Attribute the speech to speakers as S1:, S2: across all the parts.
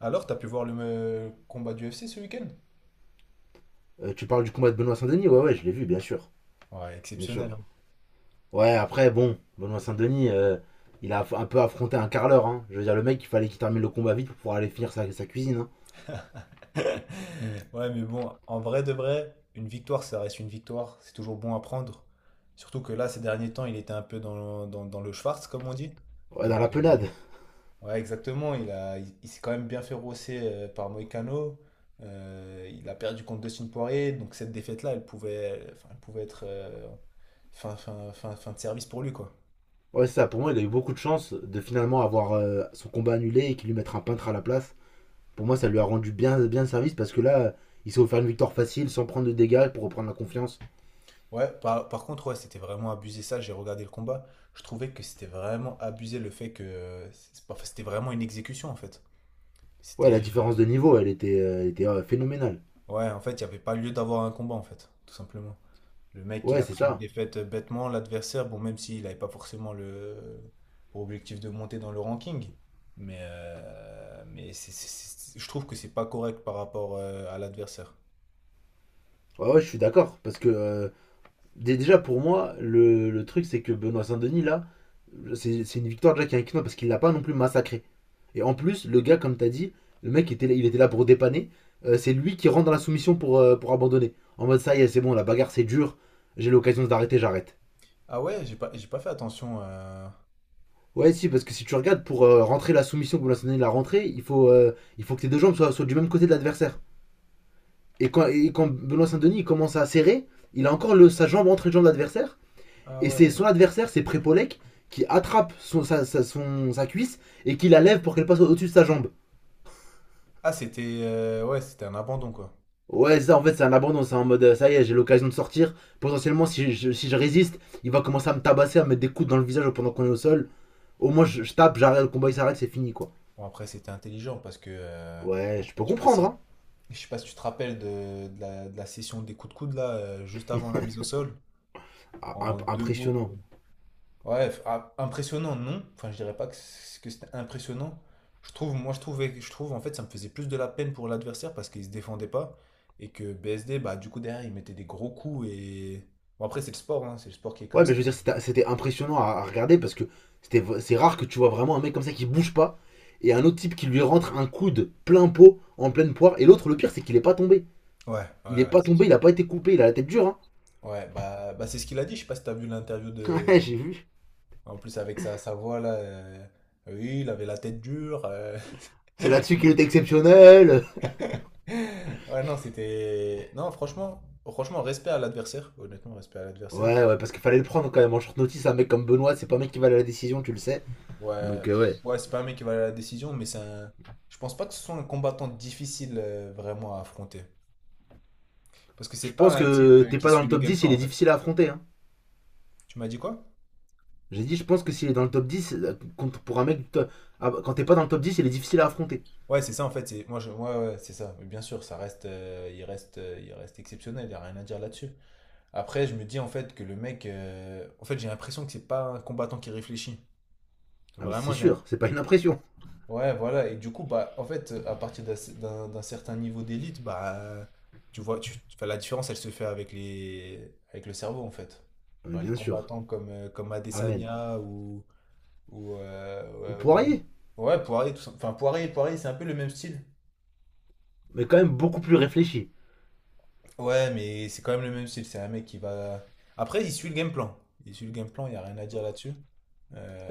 S1: Alors, t'as pu voir le combat du UFC ce week-end?
S2: Tu parles du combat de Benoît Saint-Denis. Ouais, ouais, je l'ai vu, bien sûr.
S1: Ouais,
S2: Bien sûr.
S1: exceptionnel, hein.
S2: Ouais, après, bon, Benoît Saint-Denis, il a un peu affronté un carleur. Hein. Je veux dire, le mec, il fallait qu'il termine le combat vite pour pouvoir aller finir sa cuisine. Hein.
S1: Ouais, mais bon, en vrai de vrai, une victoire, ça reste une victoire. C'est toujours bon à prendre. Surtout que là, ces derniers temps, il était un peu dans le Schwarz, comme on dit.
S2: Ouais,
S1: Donc,
S2: dans la penade.
S1: ouais, exactement. Il s'est quand même bien fait rosser par Moïcano. Il a perdu contre Dustin Poirier. Donc, cette défaite-là, elle pouvait être fin de service pour lui, quoi.
S2: Ouais, c'est ça. Pour moi, il a eu beaucoup de chance de finalement avoir son combat annulé et qu'il lui mette un peintre à la place. Pour moi, ça lui a rendu bien, bien service parce que là, il s'est offert une victoire facile sans prendre de dégâts pour reprendre la confiance.
S1: Ouais, par contre, ouais, c'était vraiment abusé ça. J'ai regardé le combat. Je trouvais que c'était vraiment abusé le fait que c'est pas- enfin, c'était vraiment une exécution en fait.
S2: Ouais,
S1: C'était
S2: la différence de niveau, elle était phénoménale.
S1: ouais, en fait, il n'y avait pas lieu d'avoir un combat en fait, tout simplement. Le mec, il
S2: Ouais,
S1: a
S2: c'est
S1: pris une
S2: ça.
S1: défaite bêtement. L'adversaire, bon, même s'il n'avait pas forcément le pour objectif de monter dans le ranking, mais je trouve que c'est pas correct par rapport à l'adversaire.
S2: Ouais, ouais, je suis d'accord. Parce que déjà, pour moi, le truc, c'est que Benoît Saint-Denis, là, c'est une victoire déjà qui est inclinante parce qu'il l'a pas non plus massacré. Et en plus, le gars, comme t'as dit, le mec, il était là pour dépanner. C'est lui qui rentre dans la soumission pour abandonner. En mode, ça y est, c'est bon, la bagarre, c'est dur. J'ai l'occasion d'arrêter, j'arrête.
S1: Ah ouais, j'ai pas fait attention.
S2: Ouais, si, parce que si tu regardes, pour rentrer la soumission que Benoît Saint-Denis l'a rentrée, il faut que tes deux jambes soient du même côté de l'adversaire. Et quand Benoît Saint-Denis il commence à serrer, il a encore sa jambe entre les jambes de l'adversaire.
S1: Ah
S2: Et c'est
S1: ouais.
S2: son adversaire, c'est Prépolek, qui attrape son, sa, sa- son- sa cuisse et qui la lève pour qu'elle passe au- dessus de sa jambe.
S1: Ah c'était ouais, c'était un abandon quoi.
S2: Ouais, ça en fait, c'est un abandon, c'est en mode ça y est, j'ai l'occasion de sortir. Potentiellement, si je résiste, il va commencer à me tabasser, à me mettre des coups dans le visage pendant qu'on est au sol. Au moins, je tape, j'arrête, le combat il s'arrête, c'est fini quoi.
S1: Bon, après, c'était intelligent parce que
S2: Ouais, je peux
S1: je sais pas
S2: comprendre,
S1: si,
S2: hein.
S1: je sais pas si tu te rappelles de la session des coups de coude là, juste avant la mise au sol,
S2: Ah,
S1: en deux mots.
S2: impressionnant.
S1: Ouais, ah, impressionnant, non? Enfin, je dirais pas que, que c'était impressionnant. Je trouve, moi, je trouvais, je trouve en fait, ça me faisait plus de la peine pour l'adversaire parce qu'il se défendait pas et que BSD, bah, du coup, derrière, il mettait des gros coups et. Bon, après, c'est le sport, hein, c'est le sport qui est comme
S2: Ouais, mais
S1: ça.
S2: je veux dire, c'était impressionnant à regarder parce que c'est rare que tu vois vraiment un mec comme ça qui bouge pas et un autre type qui lui rentre un coude plein pot en pleine poire. Et l'autre, le pire, c'est qu'il est pas tombé.
S1: Ouais, ouais,
S2: Il est
S1: ouais.
S2: pas tombé, il a pas été coupé, il a la tête dure. Hein.
S1: Ouais, bah, c'est ce qu'il a dit. Je sais pas si t'as vu l'interview
S2: Ouais,
S1: de.
S2: j'ai vu.
S1: En plus, avec sa voix là, oui, il avait la tête dure.
S2: C'est là-dessus qu'il est exceptionnel.
S1: Ouais, non, c'était. Non, franchement, franchement, respect à l'adversaire. Honnêtement, respect à l'adversaire.
S2: Ouais, ouais, parce qu'il fallait le prendre quand même en short notice. Un mec comme Benoît, c'est pas un mec qui va à la décision, tu le sais.
S1: Ouais,
S2: Donc,
S1: pff,
S2: ouais.
S1: ouais, c'est pas un mec qui va à la décision, mais c'est un. Je pense pas que ce soit un combattant difficile vraiment à affronter. Parce que
S2: Je
S1: c'est
S2: pense
S1: pas un type
S2: que t'es
S1: qui
S2: pas dans
S1: suit
S2: le
S1: le
S2: top
S1: game
S2: 10, il
S1: plan
S2: est
S1: en fait.
S2: difficile à affronter. Hein.
S1: Tu m'as dit quoi?
S2: J'ai dit, je pense que s'il est dans le top dix, pour un mec, ah, quand t'es pas dans le top 10, il est difficile à affronter.
S1: Ouais, c'est ça en fait. Ouais, ouais, c'est ça. Mais bien sûr, ça reste, il reste, il reste exceptionnel. Il n'y a rien à dire là-dessus. Après, je me dis en fait que le mec, en fait, j'ai l'impression que c'est pas un combattant qui réfléchit.
S2: Ah, mais c'est
S1: Vraiment, j'ai
S2: sûr,
S1: l'impression.
S2: c'est pas une impression.
S1: Ouais, voilà. Et du coup, bah, en fait, à partir d'un certain niveau d'élite, bah, tu vois, enfin, la différence, elle se fait avec le cerveau, en fait.
S2: Ah, mais
S1: Genre les
S2: bien sûr.
S1: combattants comme
S2: Amen.
S1: Adesanya ou,
S2: Ou
S1: euh, ouais,
S2: Poirier,
S1: ou Poirier, tout ça. Enfin, Poirier, Poirier, c'est un peu le même style.
S2: mais quand même beaucoup plus réfléchi.
S1: Ouais, mais c'est quand même le même style. C'est un mec qui va. Après, il suit le game plan. Il suit le game plan, il n'y a rien à dire là-dessus.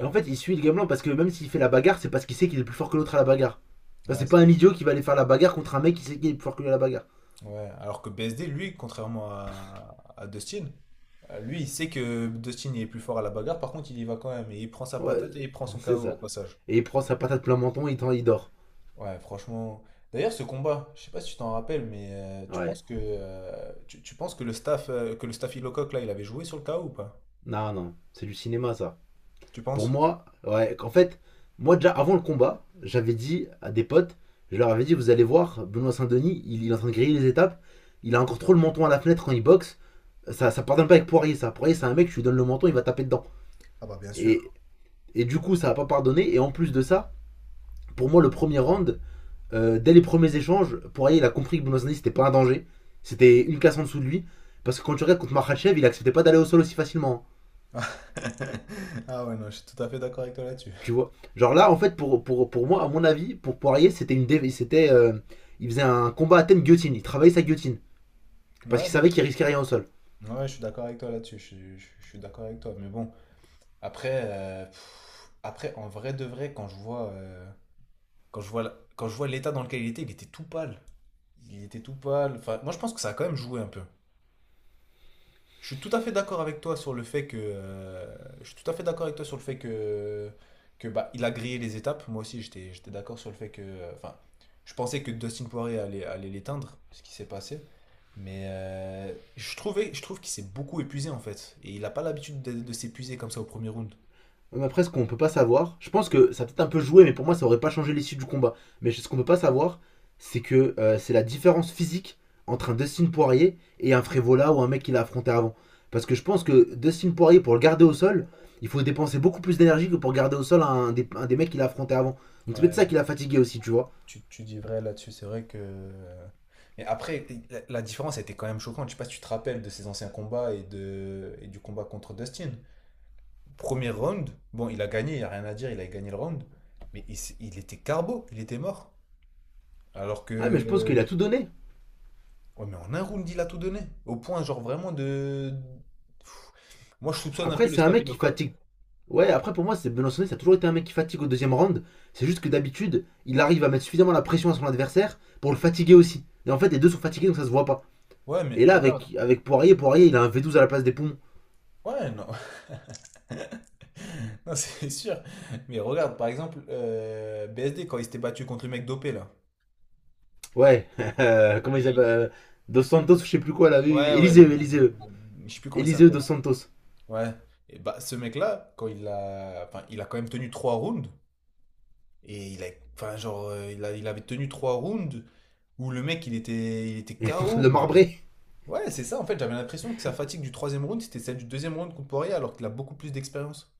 S2: Et en fait, il suit le gamelan parce que même s'il fait la bagarre, c'est parce qu'il sait qu'il est plus fort que l'autre à la bagarre. Enfin,
S1: Ouais,
S2: c'est
S1: c'est
S2: pas un
S1: vrai.
S2: idiot qui va aller faire la bagarre contre un mec qui sait qu'il est plus fort que lui à la bagarre.
S1: Ouais. Alors que BSD, lui, contrairement à Dustin, lui, il sait que Dustin il est plus fort à la bagarre. Par contre, il y va quand même. Et il prend sa
S2: Ouais,
S1: patate et il prend son
S2: c'est
S1: KO au
S2: ça.
S1: passage.
S2: Et il prend sa patate plein menton et il dort.
S1: Ouais, franchement. D'ailleurs, ce combat, je sais pas si tu t'en rappelles, mais tu
S2: Ouais.
S1: penses que le staff Illocock là, il avait joué sur le KO ou pas?
S2: Non, non. C'est du cinéma, ça.
S1: Tu
S2: Pour
S1: penses?
S2: moi, ouais, en fait, moi déjà avant le combat, j'avais dit à des potes, je leur avais dit, vous allez voir, Benoît Saint-Denis, il est en train de griller les étapes, il a encore trop le menton à la fenêtre quand il boxe. Ça pardonne pas avec Poirier, ça. Poirier, c'est un mec, je lui donne le menton, il va taper dedans.
S1: Ah bah bien
S2: Et,
S1: sûr.
S2: et du coup, ça va pas pardonner. Et en plus de ça, pour moi, le premier round, dès les premiers échanges, Poirier, il a compris que Bounazani, c'était pas un danger. C'était une casse en dessous de lui. Parce que quand tu regardes contre Makhachev, il acceptait pas d'aller au sol aussi facilement.
S1: Ah ouais, non, je suis tout à fait d'accord avec toi là-dessus.
S2: Tu vois. Genre là, en fait, pour moi, à mon avis, pour Poirier, c'était une dé- c'était, il faisait un combat à thème guillotine. Il travaillait sa guillotine. Parce
S1: Ouais,
S2: qu'il
S1: non.
S2: savait qu'il risquait rien au sol.
S1: Ouais, je suis d'accord avec toi là-dessus. Je suis d'accord avec toi. Mais bon. Après, pff, après, en vrai de vrai, quand je vois, la- quand je vois l'état dans lequel il était tout pâle. Il était tout pâle. Enfin, moi, je pense que ça a quand même joué un peu. Je suis tout à fait d'accord avec toi sur le fait que, je suis tout à fait d'accord avec toi sur le fait que bah, il a grillé les étapes. Moi aussi, j'étais d'accord sur le fait que, enfin, je pensais que Dustin Poirier allait l'éteindre, ce qui s'est passé. Mais je trouve qu'il s'est beaucoup épuisé en fait, et il n'a pas l'habitude de s'épuiser comme ça au premier round.
S2: On a presque qu'on peut pas savoir. Je pense que ça a peut-être un peu joué, mais pour moi, ça aurait pas changé l'issue du combat. Mais ce qu'on peut pas savoir, c'est la différence physique entre un Dustin Poirier et un Frévola ou un mec qu'il a affronté avant. Parce que je pense que Dustin Poirier, pour le garder au sol, il faut dépenser beaucoup plus d'énergie que pour garder au sol un des mecs qu'il a affronté avant. Donc c'est peut-être
S1: Ouais,
S2: ça qui l'a fatigué aussi, tu vois.
S1: tu dis vrai là-dessus, c'est vrai que. Mais après, la différence était quand même choquante. Je sais pas si tu te rappelles de ses anciens combats et du combat contre Dustin. Premier round, bon, il a gagné, il n'y a rien à dire, il a gagné le round. Mais il était carbo, il était mort. Alors
S2: Ouais, mais je pense
S1: que.
S2: qu'il a tout donné.
S1: Ouais, mais en un round, il a tout donné. Au point, genre, vraiment de. Pff, moi, je soupçonne un peu
S2: Après,
S1: le
S2: c'est un mec qui
S1: staphylocoque.
S2: fatigue. Ouais, après pour moi, c'est Benoît, ça a toujours été un mec qui fatigue au deuxième round. C'est juste que d'habitude, il arrive à mettre suffisamment la pression à son adversaire pour le fatiguer aussi. Et en fait, les deux sont fatigués donc ça se voit pas.
S1: Ouais, mais
S2: Et là,
S1: regarde.
S2: avec Poirier, il a un V12 à la place des poumons.
S1: Ouais, non. Non, c'est sûr. Mais regarde, par exemple, BSD, quand il s'était battu contre le mec dopé, là.
S2: Ouais, comment il
S1: Et-
S2: s'appelle Dos Santos, je sais plus quoi, là, oui,
S1: Ouais,
S2: oui,
S1: ouais,
S2: Eliseu, Eliseu.
S1: je sais plus comment il
S2: Eliseu
S1: s'appelle.
S2: Dos Santos.
S1: Ouais. Et bah, ce mec-là, quand enfin, il a quand même tenu trois rounds. Et enfin, genre, il avait tenu trois rounds où le mec, il était KO,
S2: le
S1: mais
S2: marbré.
S1: ouais, c'est ça. En fait, j'avais l'impression que sa fatigue du troisième round, c'était celle du deuxième round contre Poirier, alors qu'il a beaucoup plus d'expérience.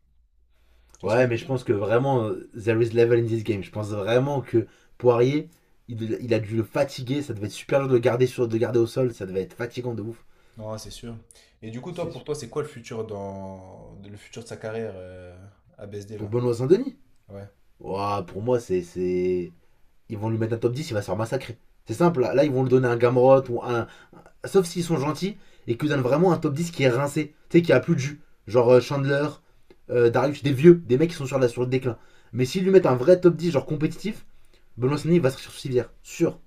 S1: Tu vois ce que
S2: Ouais,
S1: je veux
S2: mais je
S1: dire?
S2: pense que vraiment, there is level in this game. Je pense vraiment que Poirier, il a dû le fatiguer. Ça devait être super dur de le garder au sol. Ça devait être fatigant de ouf.
S1: Non, c'est sûr. Et du coup, toi,
S2: C'est
S1: pour
S2: sûr.
S1: toi, c'est quoi le futur le futur de sa carrière à BSD
S2: Pour
S1: là?
S2: Benoît Saint-Denis.
S1: Ouais.
S2: Ouah, pour moi, c'est. Ils vont lui mettre un top 10, il va se faire massacrer. C'est simple, là, là, ils vont lui donner un Gamrot ou un. Sauf s'ils sont gentils et qu'ils donnent vraiment un top 10 qui est rincé, tu sais, qui a plus de jus. Genre Chandler, Darius, des vieux, des mecs qui sont sur le déclin. Mais s'ils lui mettent un vrai top 10, genre compétitif, Benoît Saint-Denis va sortir sur civière. Sûr.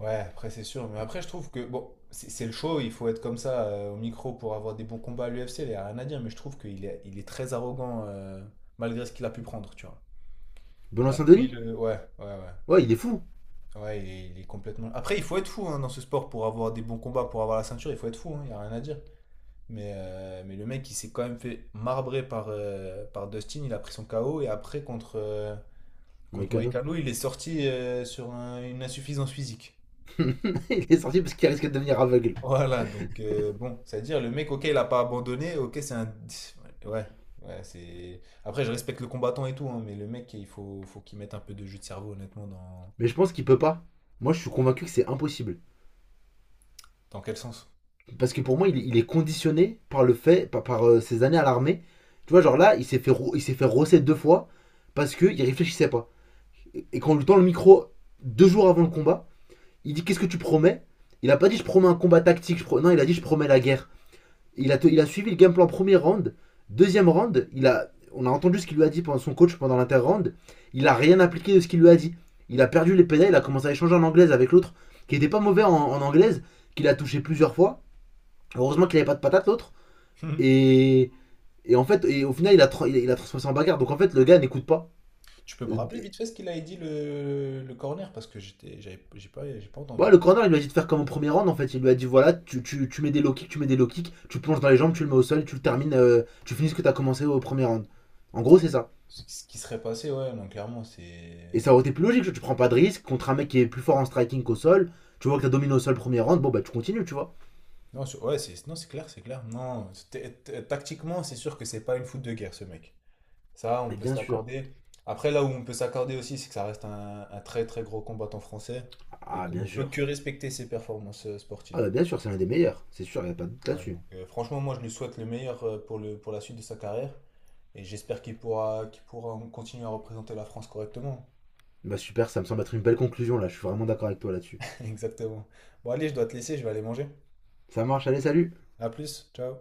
S1: Ouais, après c'est sûr, mais après je trouve que bon, c'est le show, il faut être comme ça au micro pour avoir des bons combats à l'UFC, il n'y a rien à dire, mais je trouve qu'il est très arrogant malgré ce qu'il a pu prendre, tu vois. Il
S2: Benoît
S1: a pris
S2: Saint-Denis.
S1: le. Ouais, ouais, ouais.
S2: Ouais, il est fou.
S1: Ouais, il est complètement. Après, il faut être fou hein, dans ce sport pour avoir des bons combats, pour avoir la ceinture, il faut être fou, hein, il n'y a rien à dire. Mais le mec, il s'est quand même fait marbrer par Dustin, il a pris son KO et après contre
S2: Moïcano.
S1: Moïcano, il est sorti sur une insuffisance physique.
S2: Il est sorti parce qu'il risque de devenir aveugle.
S1: Voilà, donc bon, c'est-à-dire le mec, ok, il a pas abandonné, ok, c'est un. Ouais, ouais, c'est. Après, je respecte le combattant et tout, hein, mais le mec, il faut qu'il mette un peu de jus de cerveau, honnêtement, dans,
S2: Mais je pense qu'il peut pas. Moi, je suis convaincu que c'est impossible.
S1: dans quel sens?
S2: Parce que pour moi, il est conditionné par le fait, ses années à l'armée. Tu vois, genre là, il s'est fait rosser deux fois parce qu'il réfléchissait pas. Et quand on lui tend le micro deux jours avant le combat, il dit, qu'est-ce que tu promets? Il a pas dit, je promets un combat tactique. Non, il a dit, je promets la guerre. Il a suivi le game plan premier round. Deuxième round, on a entendu ce qu'il lui a dit pendant son coach pendant l'inter-round. Il a rien appliqué de ce qu'il lui a dit. Il a perdu les pédales, il a commencé à échanger en anglaise avec l'autre qui était pas mauvais en anglaise, qu'il a touché plusieurs fois. Heureusement qu'il avait pas de patate l'autre. Et, et en fait, et au final, il a transformé ça en bagarre. Donc en fait, le gars n'écoute pas.
S1: Tu peux me
S2: Euh,
S1: rappeler vite fait ce qu'il a dit le corner, parce que j'ai pas
S2: Ouais,
S1: entendu.
S2: le corner, il lui a dit de faire comme au premier round. En fait, il lui a dit voilà, tu mets des low kicks, tu plonges dans les jambes, tu le mets au sol, tu le termines, tu finis ce que tu as commencé au premier round. En gros, c'est ça.
S1: Ce qui serait passé, ouais, non, clairement,
S2: Et
S1: c'est.
S2: ça aurait été plus logique, tu prends pas de risque contre un mec qui est plus fort en striking qu'au sol. Tu vois que t'as dominé au sol premier round, bon bah tu continues, tu vois.
S1: Non, ouais, c'est, non, c'est clair, c'est clair. Non, tactiquement, c'est sûr que c'est pas une foot de guerre, ce mec. Ça, on
S2: Et
S1: peut
S2: bien
S1: se
S2: sûr.
S1: l'accorder. Après, là où on peut s'accorder aussi, c'est que ça reste un très très gros combattant français et
S2: Ah,
S1: qu'on
S2: bien
S1: ne peut
S2: sûr.
S1: que respecter ses performances
S2: Ah,
S1: sportives.
S2: bah bien sûr, c'est l'un des meilleurs. C'est sûr, y a pas de doute
S1: Ouais,
S2: là-dessus.
S1: donc, franchement, moi, je lui souhaite le meilleur pour la suite de sa carrière et j'espère qu'il pourra continuer à représenter la France correctement.
S2: Bah super, ça me semble être une belle conclusion là, je suis vraiment d'accord avec toi là-dessus.
S1: Exactement. Bon, allez, je dois te laisser, je vais aller manger.
S2: Ça marche, allez, salut.
S1: À plus, ciao.